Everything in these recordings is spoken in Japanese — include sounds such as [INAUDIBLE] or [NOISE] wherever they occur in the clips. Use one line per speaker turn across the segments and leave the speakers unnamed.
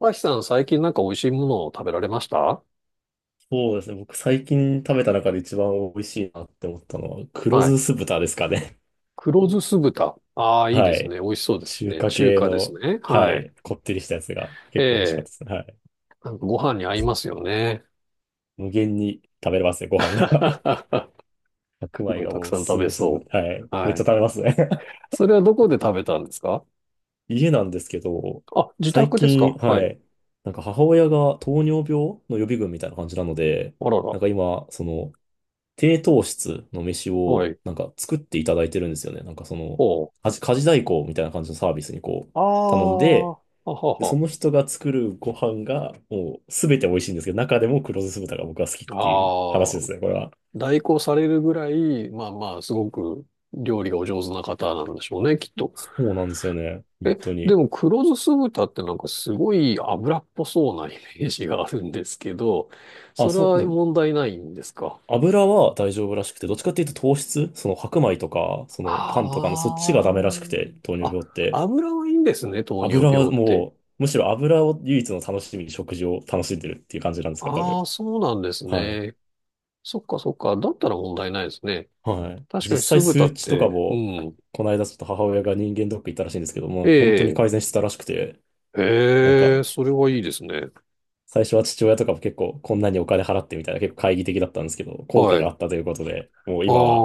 マキさん、最近なんか美味しいものを食べられました？
そうですね。僕最近食べた中で一番美味しいなって思ったのは、黒
は
酢
い。
酢豚ですかね。
黒酢酢豚。ああ、
[LAUGHS]
いいで
は
す
い。
ね。美味しそうです
中
ね。
華
中
系
華です
の、
ね。
は
はい。
い。こってりしたやつが
え
結構美味しかっ
え、
たですね。はい。
なんかご飯に合いますよね。
無限に食べれますね、ご飯
[LAUGHS]
が。[LAUGHS] 白
すご
米
い
が
たく
もう
さん食
す
べ
ぐすぐ、
そ
はい。
う。
めっ
は
ちゃ
い。
食べますね。[LAUGHS]
それはどこで食べたんですか？
家なんですけど、
あ、自
最
宅です
近、
か？は
は
い。
い。母親が糖尿病の予備軍みたいな感じなので、
あらら。
今、低糖質の飯
は
を
い。
作っていただいてるんですよね。
ほう。
家事代行みたいな感じのサービスにこう
ああ、
頼んで、
はは
で、そ
は。
の人が作るご飯がもうすべて美味しいんですけど、中でも黒酢豚が僕は好きっ
あ
ていう話で
あ、
すね、これは。
代行されるぐらい、まあまあ、すごく料理がお上手な方なんでしょうね、きっと。
そうなんですよね、本
え、
当
で
に。
も黒酢酢豚ってすごい油っぽそうなイメージがあるんですけど、
あ、
それは問題ないんですか？
油は大丈夫らしくて、どっちかっていうと糖質、その白米とか、そのパンとかのそっ
あ
ちがダメらしくて、糖尿
あ。
病っ
あ、
て。
油はいいんですね、糖尿
油は
病って。
もう、むしろ油を唯一の楽しみに食事を楽しんでるっていう感じなんですかね、多
あ
分。
あ、そうなんです
はい。
ね。そっかそっか。だったら問題ないですね。
はい。
確か
実
に
際
酢豚
数
っ
値とか
て、う
も、
ん。
この間ちょっと母親が人間ドック行ったらしいんですけども、
え
本当に
え、
改善してたらしくて、なんか、
ええ、それはいいですね。
最初は父親とかも結構こんなにお金払ってみたいな結構懐疑的だったんですけど、効果
は
が
い。
あったということで、もう
あ
今は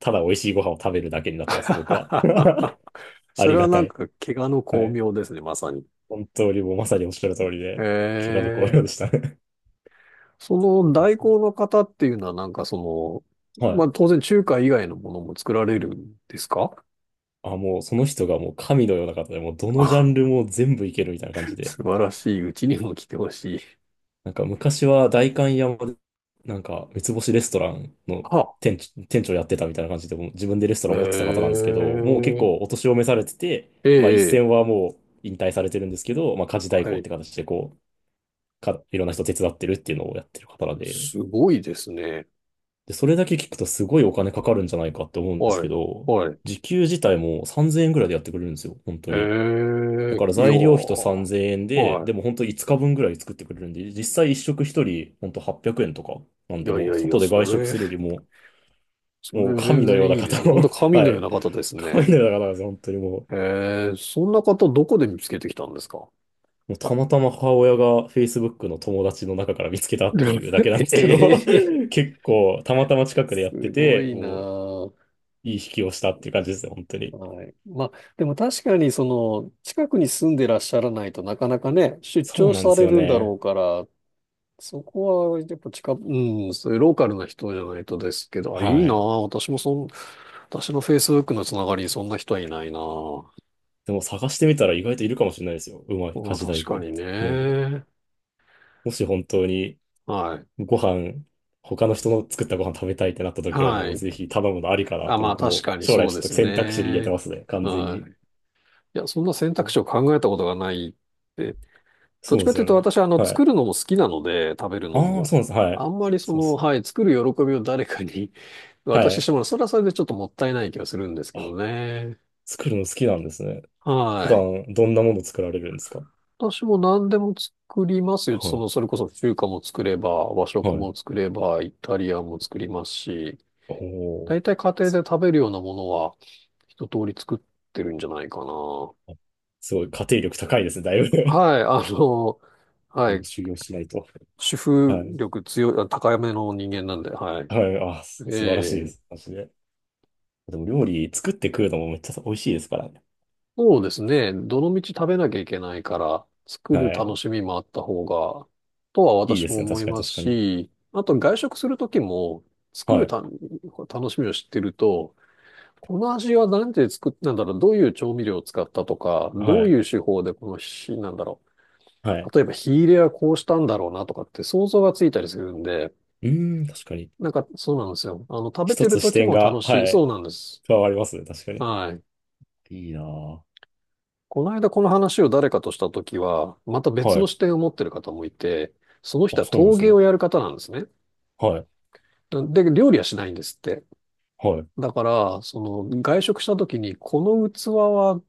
ただ美味しいご飯を食べるだけになってますね、僕は。
あ。
[LAUGHS]
[LAUGHS]
あ
そ
り
れは
が
な
た
ん
い。
か怪我の
は
巧
い。
妙ですね、まさに。
本当にもうまさにおっしゃる通り
え
で、気が毒のようで
え。
したね。
その代
[LAUGHS]
行の方っていうのはなんかそ
は
の、ま
い。
あ当然中華以外のものも作られるんですか？
あ、もうその人がもう神のような方で、もうどのジャ
あ
ンルも全部いけるみたいな感じ
[LAUGHS]
で、
素晴らしい。うちにも来てほしい。
昔は代官山で、三つ星レストランの
[LAUGHS] あ、
店長やってたみたいな感じで、もう自分でレストラン持ってた方なんですけど、もう結
ええ
構お年を召されてて、
え
まあ一
え、
線はもう引退されてるんですけど、まあ家事代
は
行っ
い。
て形でこう、いろんな人手伝ってるっていうのをやってる方なんで、
すごいですね。
で、それだけ聞くとすごいお金かかるんじゃないかって思うんです
は
け
い、
ど、
はい。
時給自体も3000円ぐらいでやってくれるんですよ、本当に。だ
ええ
から
いや
材料費と
ー、
3000円で、で
は
も本当5日分ぐらい作ってくれるんで、実際一食一人本当800円とかなん
い。い
で、
やい
もう
やいや、
外で外
そ
食
れ、
するよりも、
そ
もう
れ全
神のよ
然
うな
いいです
方
ね。本
の
当
[LAUGHS]
神の
は
よう
い。
な方ですね。
神のような方なんですよ、本当にもう。
ええ、そんな方どこで見つけてきたんですか？
もうたまたま母親が Facebook の友達の中から見つけたっていうだけなんですけど、
[LAUGHS] ええ
[LAUGHS] 結構たまたま近くで
す
やって
ご
て、
いな
も
ぁ。
ういい引きをしたっていう感じですね、本当に。
はい。まあ、でも確かにその、近くに住んでらっしゃらないとなかなかね、出
そう
張
なんで
さ
す
れ
よ
るんだろう
ね。
から、そこはやっぱ近く、うん、そういうローカルな人じゃないとですけど、あ、いい
は
なぁ。
い。
私もそん、私の Facebook のつながりにそんな人はいないなぁ。
でも探してみたら意外といるかもしれないですよ。うまい
ま
家
あ
事
確
代
か
行っ
に
て。もう、
ね。
もし本当に
はい。
ご飯、他の人の作ったご飯食べたいってなった時は
は
もう
い。
ぜひ頼むのありかなっ
あ、
て
まあ
僕
確
も
かに
将来
そう
ちょっ
で
と
す
選択肢に入れて
ね。
ますね、完全
は
に。
い。いや、そんな選択
お、
肢を考えたことがないって。どっ
そう
ち
で
か
す
という
よ
と
ね。
私はあの
は
作
い。
るのも好きなので食べるの
ああ、
も。
そうなんです。はい。
あんまりそ
そうで
の、
す。
はい、作る喜びを誰かに [LAUGHS]
は
渡してし
い。
まうのは。それはそれでちょっともったいない気がするんですけど
あ、
ね。
作るの好きなんですね。普
はい。
段どんなもの作られるんですか？
私も何でも作りますよ。そ
は
の、それこそ中華も作れば、和
い。
食
は
も
い。
作れば、イタリアンも作りますし、
おお。
大体家庭で食べるようなものは一通り作ってるんじゃないかな。
あ、すごい、家庭力高いですね、だいぶ。
はい、あの、
[LAUGHS]
は
もう
い、
修行しないと。
主婦
はい。
力強い、あ高めの人間なんで、はい。
はい。あ、素晴らしいで
ええ、
す。マジで。でも料理作って食うのもめっちゃ美味しいですからね。
そうですね。どの道食べなきゃいけないから、作る
は
楽
い。
しみもあった方が、とは
いい
私
で
も
すよ。
思
確
い
かに
ます
確かに。
し、あと外食するときも、作
は
る
い。
た楽しみを知ってると、この味は何で作っなんだろう、どういう調味料を使ったとか、
は
どう
い。
いう手法でこの火、なんだろ
は
う、
い。
例えば火入れはこうしたんだろうなとかって想像がついたりするんで、
うーん、確かに。
なんかそうなんですよ。あの、食べ
一
てる
つ
と
視
き
点
も
が、
楽しい。
は
そう
い。
なんです。
加わりますね。確かに。
はい。
いいなぁ。
この間この話を誰かとしたときは、また別
は
の
い。
視点を持ってる方もいて、その人
あ、
は
そうなんで
陶
す
芸
ね。
をやる方なんですね。
はい。
で、料理はしないんですって。
はい。
だから、その外食したときに、この器は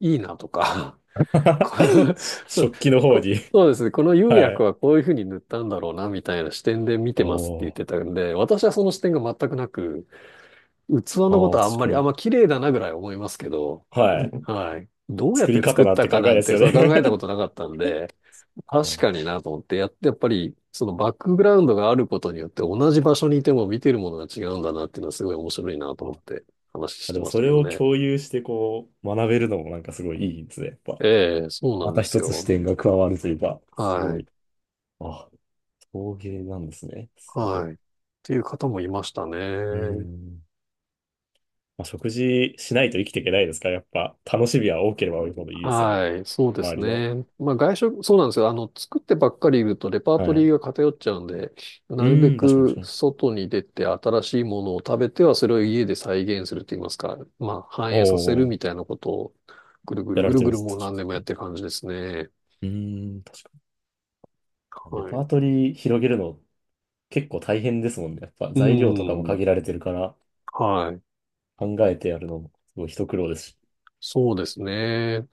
いいなとか、[LAUGHS] こ
[LAUGHS]
のそう
食器の方
こ
に。
そうですね、この釉
は
薬
い。
はこういうふうに塗ったんだろうな、みたいな視点で見てますって
お
言っ
ー。
てたんで、私はその視点が全くなく、器
あ
のこと
ー、
はあん
確
ま
か
り、あ、
に。
まあ綺麗だなぐらい思いますけど、
はい。
はい。どうやっ
作り
て作
方
っ
なん
た
て
か
考え
なん
です
て、
よ
そう
ね。
考えたこと
[LAUGHS]
なかったんで、確
か
かになと思って、やって、やっぱり、そのバックグラウンドがあることによって同じ場所にいても見てるものが違うんだなっていうのはすごい面白いなと思っ
あ、
て話し
あで
て
も
まし
そ
たけ
れ
ど
を
ね。
共有してこう学べるのもなんかすごいいいですね。やっぱ。
ええ、そうな
ま
ん
た
です
一つ視
よ。
点が加わるというか、すご
はい。
い。あ、陶芸なんですね。すごい。う
はい。っていう方もいました
ー
ね。
ん。まあ、食事しないと生きていけないですから、やっぱ、楽しみは多ければ多いほどいいですよね。
はい、そうで
周
す
りの。
ね。まあ外食、そうなんですよ。あの、作ってばっかりいるとレパー
は
ト
い。
リー
う
が偏っちゃうんで、なるべ
ーん、確かに確
く
かに。
外に出て新しいものを食べてはそれを家で再現すると言いますか、まあ反
お
映させるみ
お、
たいなことをぐるぐる
やら
ぐ
れ
る
てる
ぐ
ん
る
です。
もう
確
何年もや
か
っ
に。
てる感じですね。
うーん、確かにレ
は
パ
い。
ートリー広げるの結構大変ですもんね。やっぱ
う
材料とかも
ん。
限られてるから
はい。
考えてやるのもすごい一苦労ですし。
そうですね。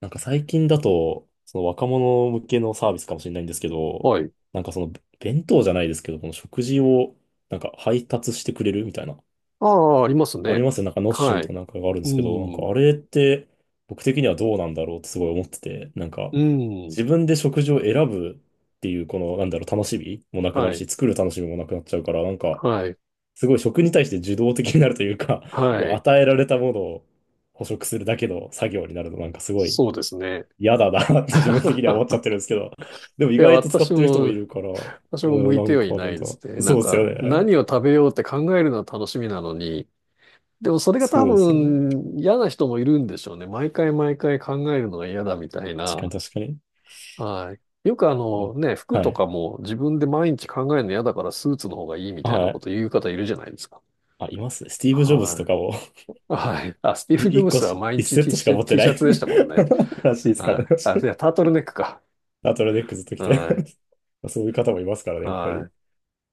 最近だと、その若者向けのサービスかもしれないんですけど、
はい。
なんかその弁当じゃないですけど、この食事を配達してくれるみたいな、
ああ、あります
あり
ね。
ますよ。ノッシュ
は
みた
い。
いながあるんで
う
すけど、なんか
ん。
あれって僕的にはどうなんだろうってすごい思ってて、
うん。
自分で食事を選ぶっていうこのなんだろう楽しみもなくな
は
る
い。
し、作る楽しみもなくなっちゃうから、
はい。
すごい食に対して受動的になるというか、[LAUGHS] も
は
う
い。
与えられたものを捕食するだけの作業になるのなんかすごい
そうですね。
嫌だなって自分的には思っちゃって
[LAUGHS]
るんですけど、でも意
いや、
外と使っ
私
てる人もい
も、
るから、
私も
うん、
向
な
いて
ん
はい
かあ
な
るん
い
だ。
ですね。
そ
な
う
ん
ですよ
か、
ね。
何を食べようって考えるのは楽しみなのに、でもそれが多
そうですね。
分嫌な人もいるんでしょうね。毎回毎回考えるのが嫌だみたい
確かに
な。
確かに。
はい。よくあの
あ、
ね、服
は
と
い。
かも自分で毎日考えるの嫌だからスーツの方がいいみたいな
は
こ
い。
と言う方いるじゃないですか。
あ、いますね。スティーブ・ジョブズと
は
かも。
い。はい。あ、スティ
[LAUGHS]
ーブ・ジ
い
ョ
一
ブ
個
ズは
し、
毎
一
日
セッ
T
トし
シ
か
ャ
持
ツ、
って
T
な
シャ
い
ツでしたもんね。
[LAUGHS] らしいですか
は
らね。[LAUGHS]
い。あ、いや、タートルネックか。
ナトラネックずっと来て。
はい。
[LAUGHS] そういう方もいますからね、やっぱり。
はい。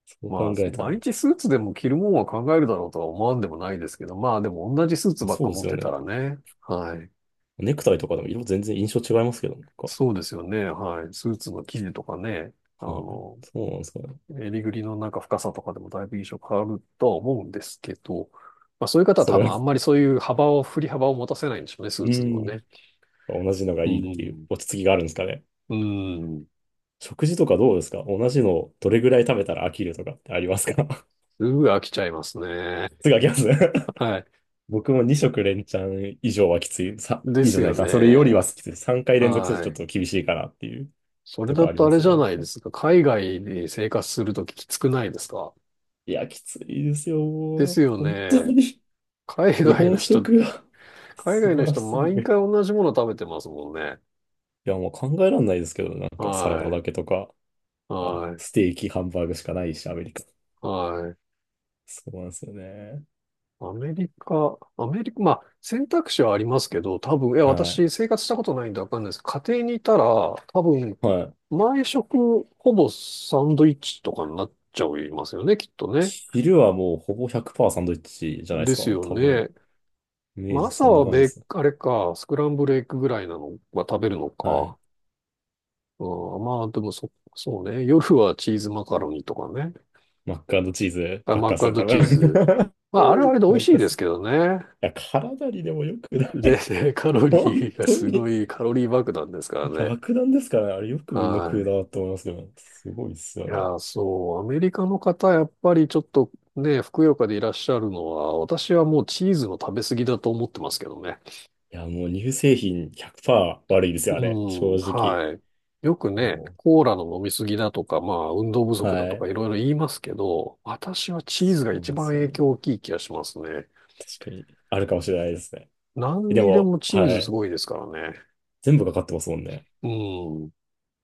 そう考
まあ、
えた
毎
ら。
日スーツでも着るもんは考えるだろうとは思わんでもないですけど、まあでも同じスーツ
あ、
ばっ
そ
か
うで
持っ
すよ
てた
ね。
らね。はい。
ネクタイとかでも色全然印象違いますけど、なんか。
そうですよね。はい。スーツの生地とかね、あ
はい。
の、
そうなんですかね。
襟ぐりのなんか深さとかでもだいぶ印象変わるとは思うんですけど、まあそういう方は
そ
多
れ
分
は、
あんまりそういう幅を、振り幅を持たせないんでしょうね、スー
う
ツにも
ん。
ね。
同じのが
う
いいっていう
ん。
落ち着きがあるんですかね。
うん。
食事とかどうですか？同じのどれぐらい食べたら飽きるとかってありますか？
すぐ飽きちゃいますね。
[LAUGHS] すぐ飽きますね。
はい。
僕も2食連チャン以上はきつい。
で
以上じ
す
ゃな
よ
いか。それよりは
ね。
きつい。3回連続すると
は
ちょ
い。
っと厳しいかなっていう
それ
と
だ
こあり
と
ま
あれ
す
じ
ね。
ゃ
やっ
ない
ぱ
ですか。海外に生活するとききつくないですか？
いや、きついです
で
よ。
すよ
本当
ね。
に。
海
日
外
本
の人、
食が [LAUGHS]
海
素
外の
晴ら
人
しすぎ
毎回
る。
同じもの食べてますもんね。
いや、もう考えられないですけど、なんかサラダ
は
だけ
い。
とか、まあ、
はい。
ステーキ、ハンバーグしかないし、アメリカ。
はい。
そうなんですよね。
アメリカ、アメリカ、まあ選択肢はありますけど、多分、いや、
は
私生活したことないんでわかんないです。家庭にいたら、多分、
い。はい。
毎食ほぼサンドイッチとかになっちゃいますよね、きっとね。
昼はもうほぼ100%サンドイッチじゃないで
で
すか。
すよ
多分。
ね。
イメー
まあ、
ジそ
朝
んな
は
感じで
べ、
す。
あれか、スクランブルエッグぐらいなのは食べるの
はい。
か。うん、まあ、でもそ、そうね。夜はチーズマカロニとかね。
マッカードチーズ
あ
ばっ
マッ
かっすよ、多
クチ
分。
ーズ。まあ、あれはあれで
[LAUGHS]
美
な
味
ん
しい
か
で
そ
す
い
けどね。
や、体にでも良くな
で、
い。
ね [LAUGHS] カロ
[LAUGHS]
リ
本
ーが
当
すご
に。
いカロリー爆弾ですからね。
爆弾ですからね。あれよくみんな食う
は
なと思いますけど。すごいっすよ、
い。
あ
い
れ。
や、そう、アメリカの方、やっぱりちょっとね、ふくよかでいらっしゃるのは、私はもうチーズの食べ過ぎだと思ってますけどね。
いや、もう乳製品100%悪いです
う
よ、あれ。正
ん、
直。
はい。よくね、
おー、
コーラの飲みすぎだとか、まあ、運動不
は
足だとか
い。
いろいろ言いますけど、私はチーズ
そ
が
う
一
なんで
番
すよ
影響
ね。
大きい気がしますね。
確かに。あるかもしれないですね。
何
で
にで
も、
もチー
は
ズす
い。
ごいですからね。
全部かかってますもんね。
うん、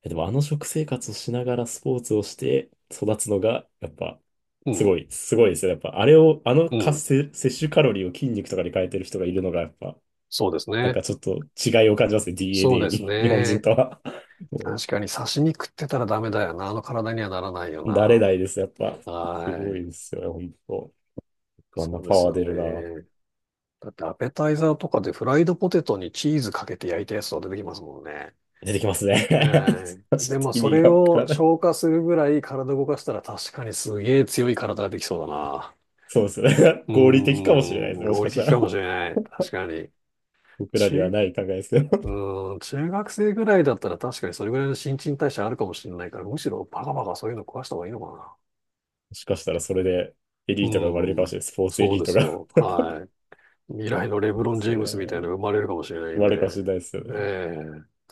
え、でもあの食生活をしながらスポーツをして育つのが、やっぱ、
う
す
ん、
ごい、すごいですよ。やっぱ、あれを、あの
う
活
ん。
性、摂取カロリーを筋肉とかに変えてる人がいるのが、やっぱ、
そうです
なん
ね。
かちょっと違いを感じますね。
そう
DNA
です
に。[LAUGHS] 日本人
ね。
とは。[LAUGHS] も
確かに刺身食ってたらダメだよな。あの体にはならないよ
慣れないです、やっぱ。
な。
す
は
ご
い。
いですよね、本当。あ
そ
んな
うで
パ
す
ワー
よ
出るな。
ね。だってアペタイザーとかでフライドポテトにチーズかけて焼いたやつとか出てきますもんね。
出てきますね。[LAUGHS]
え
ち
ー
ょっ
で
と
も
意
そ
味
れ
がわから
を
ない。
消化するぐらい体動かしたら確かにすげえ強い体ができそうだな。
そうですね。
う
[LAUGHS] 合理的かもしれないです
ーん、
ね。もし
合
か
理
した
的か
ら。
もしれない。確かに。
僕らには
中、
ない考えですよ。
うーん、中学生ぐらいだったら確かにそれぐらいの新陳代謝あるかもしれないから、むしろバカバカそういうの壊した方がいいのか
もしかしたらそれでエ
な。
リ
う
ートが生まれるか
ー
も
ん、
しれない。スポーツエ
そう
リー
で
ト
す
が。
よ。
[LAUGHS] で
はい。未来のレブロン・ジ
す
ェ
よ
ームスみたい
ね。
なの生まれるかもしれない
生
ん
ま
で。
れるかもしれないですよ
ね
ね。い
え、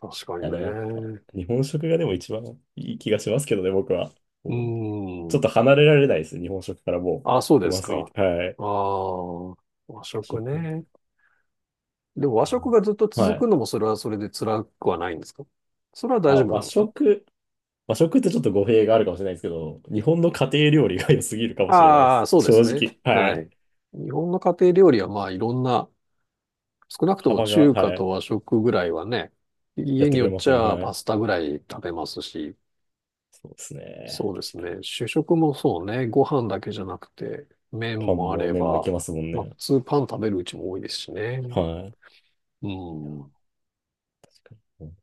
確か
や、
に
でもやっぱ、
ね。
日本食がでも一番いい気がしますけどね、僕は。
う
こうち
ー
ょっ
ん。
と離れられないです。日本食からも
あ、そう
う、う
です
ますぎ
か。
て。はい。
ああ、和食
食。
ね。でも和
あ、
食がずっと
は
続く
い。
のもそれはそれで辛くはないんですか？それは大
あ、
丈夫な
和
んですか？
食。和食ってちょっと語弊があるかもしれないですけど、日本の家庭料理が良すぎるかもしれないで
ああ、
す。
そうで
正
すね。
直。は
は
い。
い。日本の家庭料理はまあいろんな、少なくとも
幅が、
中華
は
と
い。
和食ぐらいはね、
や
家
って
に
く
よ
れ
っ
ま
ち
すもんね。
ゃ
は
パ
い。
スタぐらい食べますし、
そうですね。
そうで
確
す
かに。
ね。主食もそうね。ご飯だけじゃなくて、麺
パン
もあ
も
れ
麺もいけ
ば、
ますもん
まあ普
ね。
通パン食べるうちも多いですしね。
はい。
うん。
や、確かに。